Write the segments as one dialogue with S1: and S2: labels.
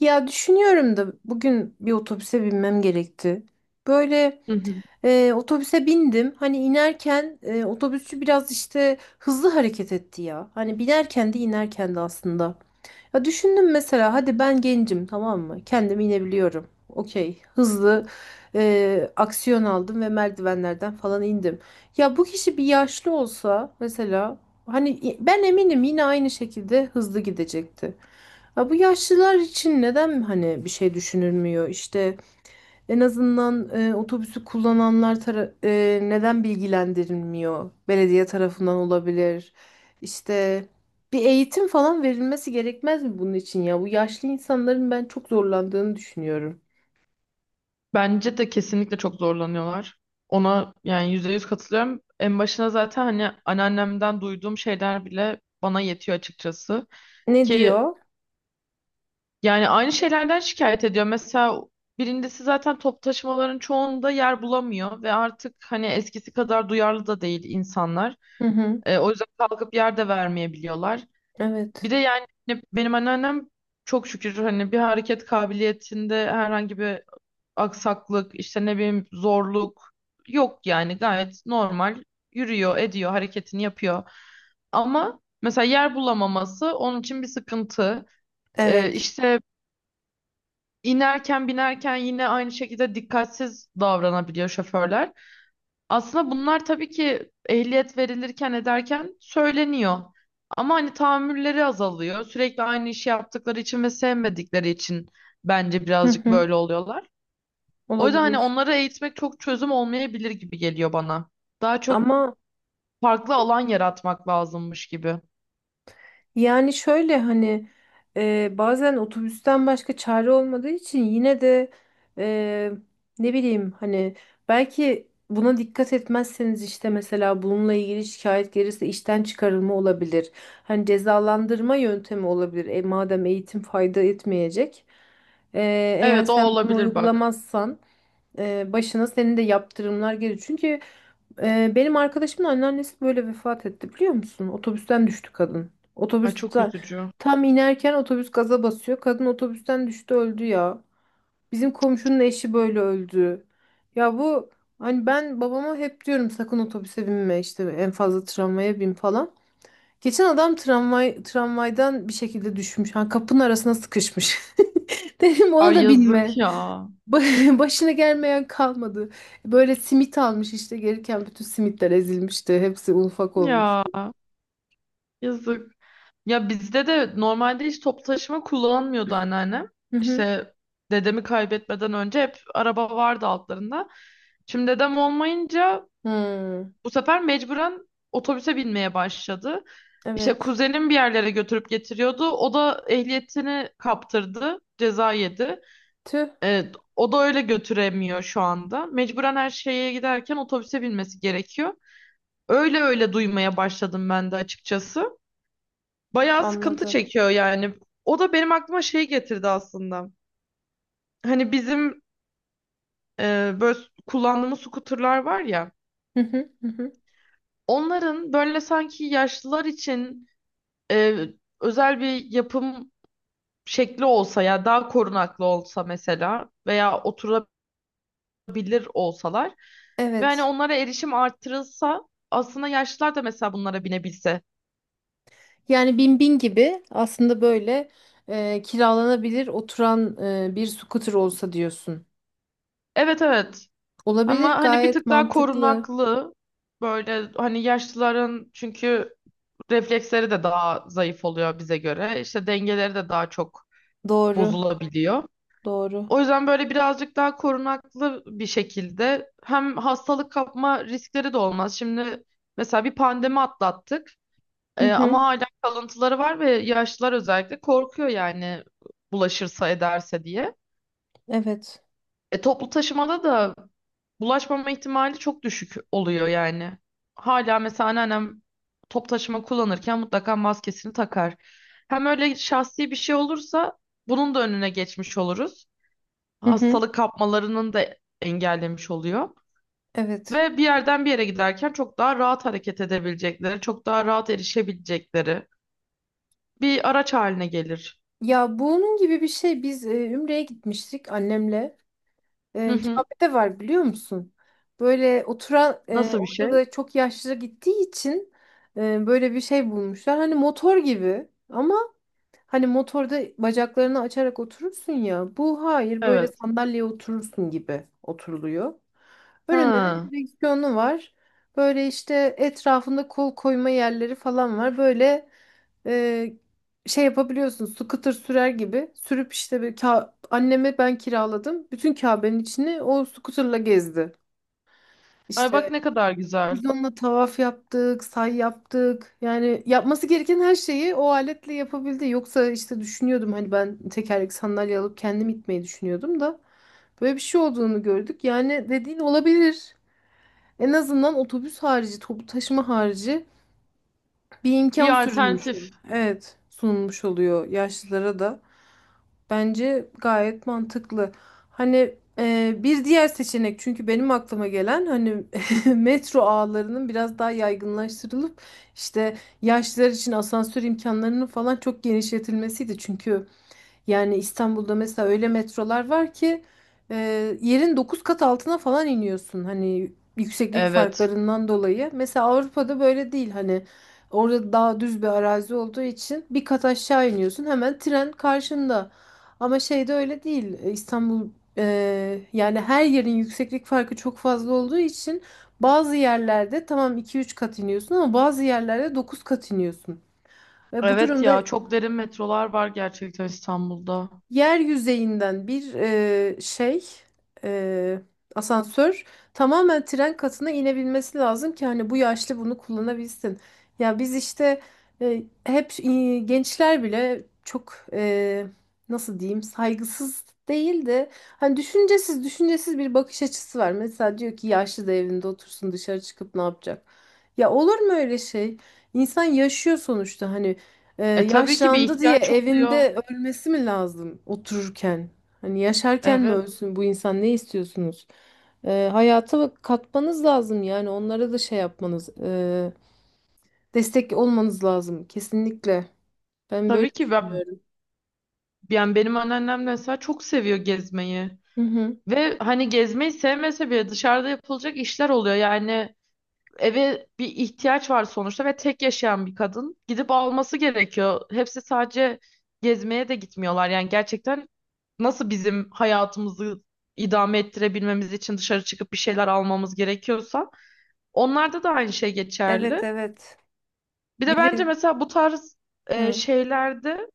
S1: Ya düşünüyorum da bugün bir otobüse binmem gerekti. Böyle
S2: Hı hı.
S1: otobüse bindim. Hani inerken otobüsçü biraz işte hızlı hareket etti ya. Hani binerken de inerken de aslında. Ya düşündüm mesela, hadi ben gencim, tamam mı? Kendim inebiliyorum. Okey. Hızlı aksiyon aldım ve merdivenlerden falan indim. Ya bu kişi bir yaşlı olsa mesela, hani ben eminim yine aynı şekilde hızlı gidecekti. Ya bu yaşlılar için neden hani bir şey düşünülmüyor? İşte en azından otobüsü kullananlar neden bilgilendirilmiyor? Belediye tarafından olabilir. İşte bir eğitim falan verilmesi gerekmez mi bunun için ya? Bu yaşlı insanların ben çok zorlandığını düşünüyorum.
S2: Bence de kesinlikle çok zorlanıyorlar. Ona yani yüzde yüz katılıyorum. En başına zaten hani anneannemden duyduğum şeyler bile bana yetiyor açıkçası.
S1: Ne
S2: Ki
S1: diyor?
S2: yani aynı şeylerden şikayet ediyor. Mesela birincisi zaten top taşımaların çoğunda yer bulamıyor ve artık hani eskisi kadar duyarlı da değil insanlar.
S1: Hı hı.
S2: O yüzden kalkıp yer de vermeyebiliyorlar. Bir
S1: Evet.
S2: de yani hani benim anneannem çok şükür hani bir hareket kabiliyetinde herhangi bir aksaklık, işte ne bileyim zorluk yok, yani gayet normal yürüyor, ediyor, hareketini yapıyor. Ama mesela yer bulamaması onun için bir sıkıntı.
S1: Evet.
S2: İşte inerken binerken yine aynı şekilde dikkatsiz davranabiliyor şoförler. Aslında bunlar tabii ki ehliyet verilirken ederken söyleniyor. Ama hani tahammülleri azalıyor. Sürekli aynı işi yaptıkları için ve sevmedikleri için bence
S1: Hı
S2: birazcık
S1: hı.
S2: böyle oluyorlar. O yüzden hani
S1: Olabilir.
S2: onları eğitmek çok çözüm olmayabilir gibi geliyor bana. Daha çok
S1: Ama
S2: farklı alan yaratmak lazımmış gibi.
S1: yani şöyle hani bazen otobüsten başka çare olmadığı için yine de e, ne bileyim hani, belki buna dikkat etmezseniz, işte mesela bununla ilgili şikayet gelirse işten çıkarılma olabilir. Hani cezalandırma yöntemi olabilir. Madem eğitim fayda etmeyecek. E, eğer
S2: Evet, o
S1: sen bunu
S2: olabilir bak.
S1: uygulamazsan başına senin de yaptırımlar geliyor. Çünkü benim arkadaşımın anneannesi böyle vefat etti, biliyor musun? Otobüsten düştü kadın.
S2: Ay, çok
S1: Otobüsten
S2: üzücü.
S1: tam inerken otobüs gaza basıyor. Kadın otobüsten düştü, öldü ya. Bizim komşunun eşi böyle öldü. Ya bu, hani ben babama hep diyorum sakın otobüse binme, işte en fazla tramvaya bin falan. Geçen adam tramvaydan bir şekilde düşmüş. Ha, kapının arasına sıkışmış. Dedim, ona
S2: Ay,
S1: da
S2: yazık
S1: binme.
S2: ya.
S1: Başına gelmeyen kalmadı. Böyle simit almış işte gelirken, bütün simitler ezilmişti. Hepsi un ufak olmuş.
S2: Ya, yazık. Ya bizde de normalde hiç toplu taşıma kullanmıyordu anneannem.
S1: Hı hı.
S2: İşte dedemi kaybetmeden önce hep araba vardı altlarında. Şimdi dedem olmayınca
S1: Hmm,
S2: bu sefer mecburen otobüse binmeye başladı. İşte
S1: evet.
S2: kuzenim bir yerlere götürüp getiriyordu. O da ehliyetini kaptırdı. Ceza yedi.
S1: Tüh,
S2: O da öyle götüremiyor şu anda. Mecburen her şeye giderken otobüse binmesi gerekiyor. Öyle öyle duymaya başladım ben de açıkçası. Bayağı sıkıntı
S1: anladım.
S2: çekiyor yani. O da benim aklıma şey getirdi aslında. Hani bizim böyle kullandığımız skuterlar var ya.
S1: Hı hı, hı hı.
S2: Onların böyle sanki yaşlılar için e, özel bir yapım şekli olsa ya, daha korunaklı olsa mesela veya oturabilir olsalar ve hani
S1: Evet.
S2: onlara erişim artırılsa aslında yaşlılar da mesela bunlara binebilse.
S1: Yani bin bin gibi aslında, böyle kiralanabilir oturan bir scooter olsa diyorsun.
S2: Evet, evet,
S1: Olabilir,
S2: ama hani bir
S1: gayet
S2: tık daha
S1: mantıklı.
S2: korunaklı, böyle hani yaşlıların çünkü refleksleri de daha zayıf oluyor bize göre, işte dengeleri de daha çok
S1: Doğru.
S2: bozulabiliyor.
S1: Doğru.
S2: O yüzden böyle birazcık daha korunaklı bir şekilde hem hastalık kapma riskleri de olmaz. Şimdi mesela bir pandemi atlattık,
S1: Hı hı.
S2: ama hala kalıntıları var ve yaşlılar özellikle korkuyor yani, bulaşırsa ederse diye.
S1: Evet.
S2: Toplu taşımada da bulaşmama ihtimali çok düşük oluyor yani. Hala mesela anneannem top taşıma kullanırken mutlaka maskesini takar. Hem öyle şahsi bir şey olursa bunun da önüne geçmiş oluruz,
S1: Hı hı.
S2: hastalık kapmalarının da engellemiş oluyor.
S1: Evet.
S2: Ve bir yerden bir yere giderken çok daha rahat hareket edebilecekleri, çok daha rahat erişebilecekleri bir araç haline gelir.
S1: Ya bunun gibi bir şey biz Ümre'ye gitmiştik annemle.
S2: Hı
S1: E,
S2: hı.
S1: Kabe'de var, biliyor musun? Böyle oturan,
S2: Nasıl bir
S1: orada
S2: şey?
S1: da çok yaşlı gittiği için böyle bir şey bulmuşlar. Hani motor gibi, ama hani motorda bacaklarını açarak oturursun ya. Bu hayır, böyle
S2: Evet.
S1: sandalyeye oturursun gibi oturuluyor. Önünde de bir
S2: Ha.
S1: direksiyonu var. Böyle işte etrafında kol koyma yerleri falan var. Böyle e, şey yapabiliyorsun, scooter sürer gibi. Sürüp işte bir anneme ben kiraladım. Bütün Kabe'nin içini o scooterla gezdi.
S2: Ay, bak
S1: İşte
S2: ne kadar güzel.
S1: biz onunla tavaf yaptık, say yaptık. Yani yapması gereken her şeyi o aletle yapabildi. Yoksa işte düşünüyordum, hani ben tekerlekli sandalye alıp kendim itmeyi düşünüyordum da böyle bir şey olduğunu gördük. Yani dediğin olabilir. En azından otobüs harici, toplu taşıma harici bir
S2: Bir
S1: imkan sürülmüş.
S2: alternatif.
S1: oluyor. Evet, sunulmuş oluyor yaşlılara da. Bence gayet mantıklı. Hani bir diğer seçenek, çünkü benim aklıma gelen hani metro ağlarının biraz daha yaygınlaştırılıp işte yaşlılar için asansör imkanlarının falan çok genişletilmesiydi. Çünkü yani İstanbul'da mesela öyle metrolar var ki e, yerin 9 kat altına falan iniyorsun. Hani yükseklik
S2: Evet.
S1: farklarından dolayı. Mesela Avrupa'da böyle değil. Hani orada daha düz bir arazi olduğu için bir kat aşağı iniyorsun. Hemen tren karşında. Ama şeyde öyle değil. İstanbul, e, yani her yerin yükseklik farkı çok fazla olduğu için bazı yerlerde tamam 2-3 kat iniyorsun ama bazı yerlerde 9 kat iniyorsun. Ve bu
S2: Evet
S1: durumda
S2: ya, çok derin metrolar var gerçekten İstanbul'da.
S1: yer yüzeyinden bir şey, e, asansör tamamen tren katına inebilmesi lazım ki hani bu yaşlı bunu kullanabilsin. Ya biz işte hep gençler bile çok, nasıl diyeyim, saygısız değil de hani düşüncesiz düşüncesiz bir bakış açısı var. Mesela diyor ki yaşlı da evinde otursun, dışarı çıkıp ne yapacak? Ya olur mu öyle şey? İnsan yaşıyor sonuçta hani. Ee,
S2: E tabii ki bir
S1: yaşlandı diye
S2: ihtiyaç oluyor.
S1: evinde ölmesi mi lazım otururken? Hani yaşarken mi
S2: Evet.
S1: ölsün bu insan, ne istiyorsunuz? Hayata katmanız lazım yani onlara da, şey yapmanız, destek olmanız lazım kesinlikle. Ben böyle
S2: Tabii ki ben,
S1: düşünüyorum.
S2: yani benim anneannem mesela çok seviyor gezmeyi.
S1: Hı hı.
S2: Ve hani gezmeyi sevmese bile dışarıda yapılacak işler oluyor. Yani eve bir ihtiyaç var sonuçta ve tek yaşayan bir kadın gidip alması gerekiyor. Hepsi sadece gezmeye de gitmiyorlar. Yani gerçekten nasıl bizim hayatımızı idame ettirebilmemiz için dışarı çıkıp bir şeyler almamız gerekiyorsa onlarda da aynı şey
S1: Evet
S2: geçerli.
S1: evet.
S2: Bir de bence
S1: Biri,
S2: mesela bu tarz
S1: hı.
S2: şeylerde,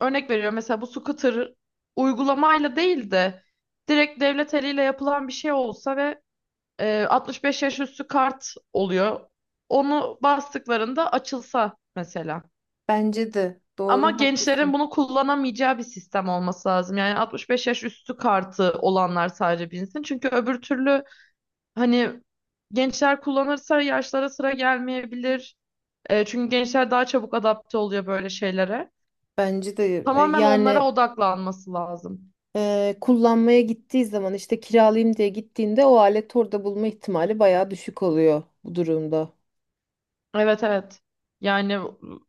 S2: örnek veriyorum, mesela bu scooter uygulamayla değil de direkt devlet eliyle yapılan bir şey olsa ve 65 yaş üstü kart oluyor. Onu bastıklarında açılsa mesela.
S1: Bence de
S2: Ama
S1: doğru,
S2: gençlerin
S1: haklısın.
S2: bunu kullanamayacağı bir sistem olması lazım. Yani 65 yaş üstü kartı olanlar sadece binsin. Çünkü öbür türlü hani gençler kullanırsa yaşlara sıra gelmeyebilir. Çünkü gençler daha çabuk adapte oluyor böyle şeylere.
S1: Bence de
S2: Tamamen onlara
S1: yani
S2: odaklanması lazım.
S1: kullanmaya gittiği zaman, işte kiralayayım diye gittiğinde, o alet orada bulma ihtimali bayağı düşük oluyor bu durumda.
S2: Evet, evet. Yani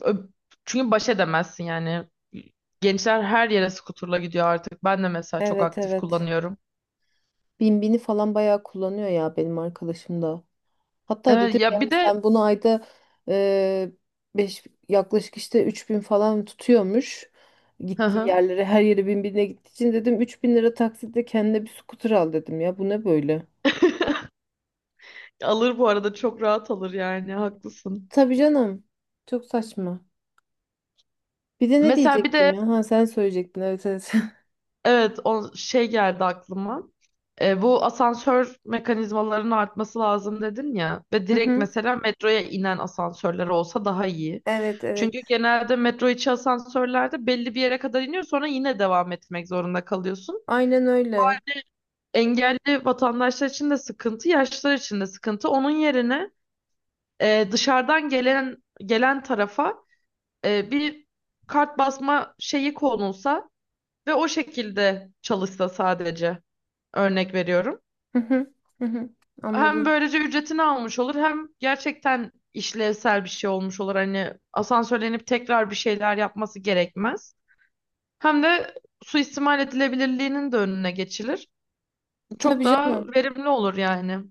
S2: ö- çünkü baş edemezsin yani. Gençler her yere skuterla gidiyor artık. Ben de mesela çok
S1: Evet
S2: aktif
S1: evet.
S2: kullanıyorum.
S1: Binbini falan bayağı kullanıyor ya benim arkadaşım da. Hatta
S2: Evet
S1: dedim
S2: ya, bir
S1: yani
S2: de
S1: sen bunu ayda e, beş, yaklaşık işte 3.000 falan tutuyormuş.
S2: Hı
S1: Gittiği
S2: hı.
S1: yerlere, her yere Binbin'e gittiği için dedim 3.000 lira taksitle kendine bir scooter al, dedim ya bu ne böyle.
S2: alır bu arada, çok rahat alır yani, haklısın.
S1: Tabii canım. Çok saçma. Bir de ne
S2: Mesela bir de
S1: diyecektim ya? Ha, sen söyleyecektin. Evet evet.
S2: evet, o şey geldi aklıma. Bu asansör mekanizmalarının artması lazım dedin ya, ve
S1: Hı
S2: direkt
S1: hı.
S2: mesela metroya inen asansörler olsa daha iyi.
S1: Evet
S2: Çünkü
S1: evet.
S2: genelde metro içi asansörlerde belli bir yere kadar iniyor, sonra yine devam etmek zorunda kalıyorsun.
S1: Aynen öyle.
S2: Engelli vatandaşlar için de sıkıntı, yaşlılar için de sıkıntı. Onun yerine dışarıdan gelen tarafa bir kart basma şeyi konulsa ve o şekilde çalışsa sadece, örnek veriyorum.
S1: Hı hı. Hı hı.
S2: Hem
S1: Anladım.
S2: böylece ücretini almış olur, hem gerçekten işlevsel bir şey olmuş olur. Hani asansörlenip tekrar bir şeyler yapması gerekmez. Hem de suistimal edilebilirliğinin de önüne geçilir. Çok
S1: Tabii
S2: daha
S1: canım.
S2: verimli olur yani.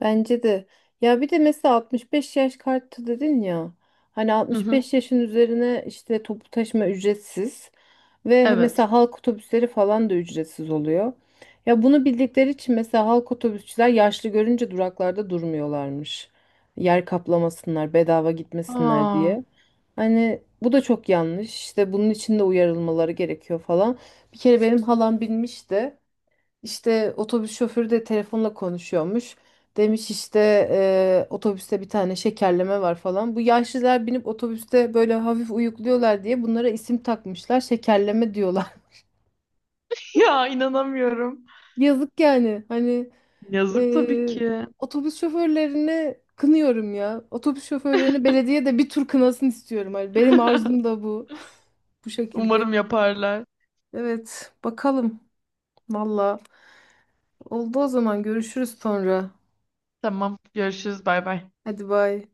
S1: Bence de. Ya bir de mesela 65 yaş kartı dedin ya. Hani
S2: Hı hı.
S1: 65 yaşın üzerine işte toplu taşıma ücretsiz ve
S2: Evet.
S1: mesela halk otobüsleri falan da ücretsiz oluyor. Ya bunu bildikleri için mesela halk otobüsçüler yaşlı görünce duraklarda durmuyorlarmış. Yer kaplamasınlar, bedava gitmesinler
S2: Aa,
S1: diye. Hani bu da çok yanlış. İşte bunun için de uyarılmaları gerekiyor falan. Bir kere benim halam binmiş de işte otobüs şoförü de telefonla konuşuyormuş. Demiş işte otobüste bir tane şekerleme var falan. Bu yaşlılar binip otobüste böyle hafif uyukluyorlar diye bunlara isim takmışlar. Şekerleme diyorlar.
S2: ya, inanamıyorum.
S1: Yazık yani. Hani
S2: Yazık tabii
S1: eee,
S2: ki.
S1: otobüs şoförlerini kınıyorum ya. Otobüs şoförlerini belediye de bir tur kınasın istiyorum. Hani benim arzum da bu. Bu şekilde.
S2: Umarım yaparlar.
S1: Evet, bakalım. Valla. Oldu o zaman, görüşürüz sonra.
S2: Tamam, görüşürüz. Bay bay.
S1: Hadi bay.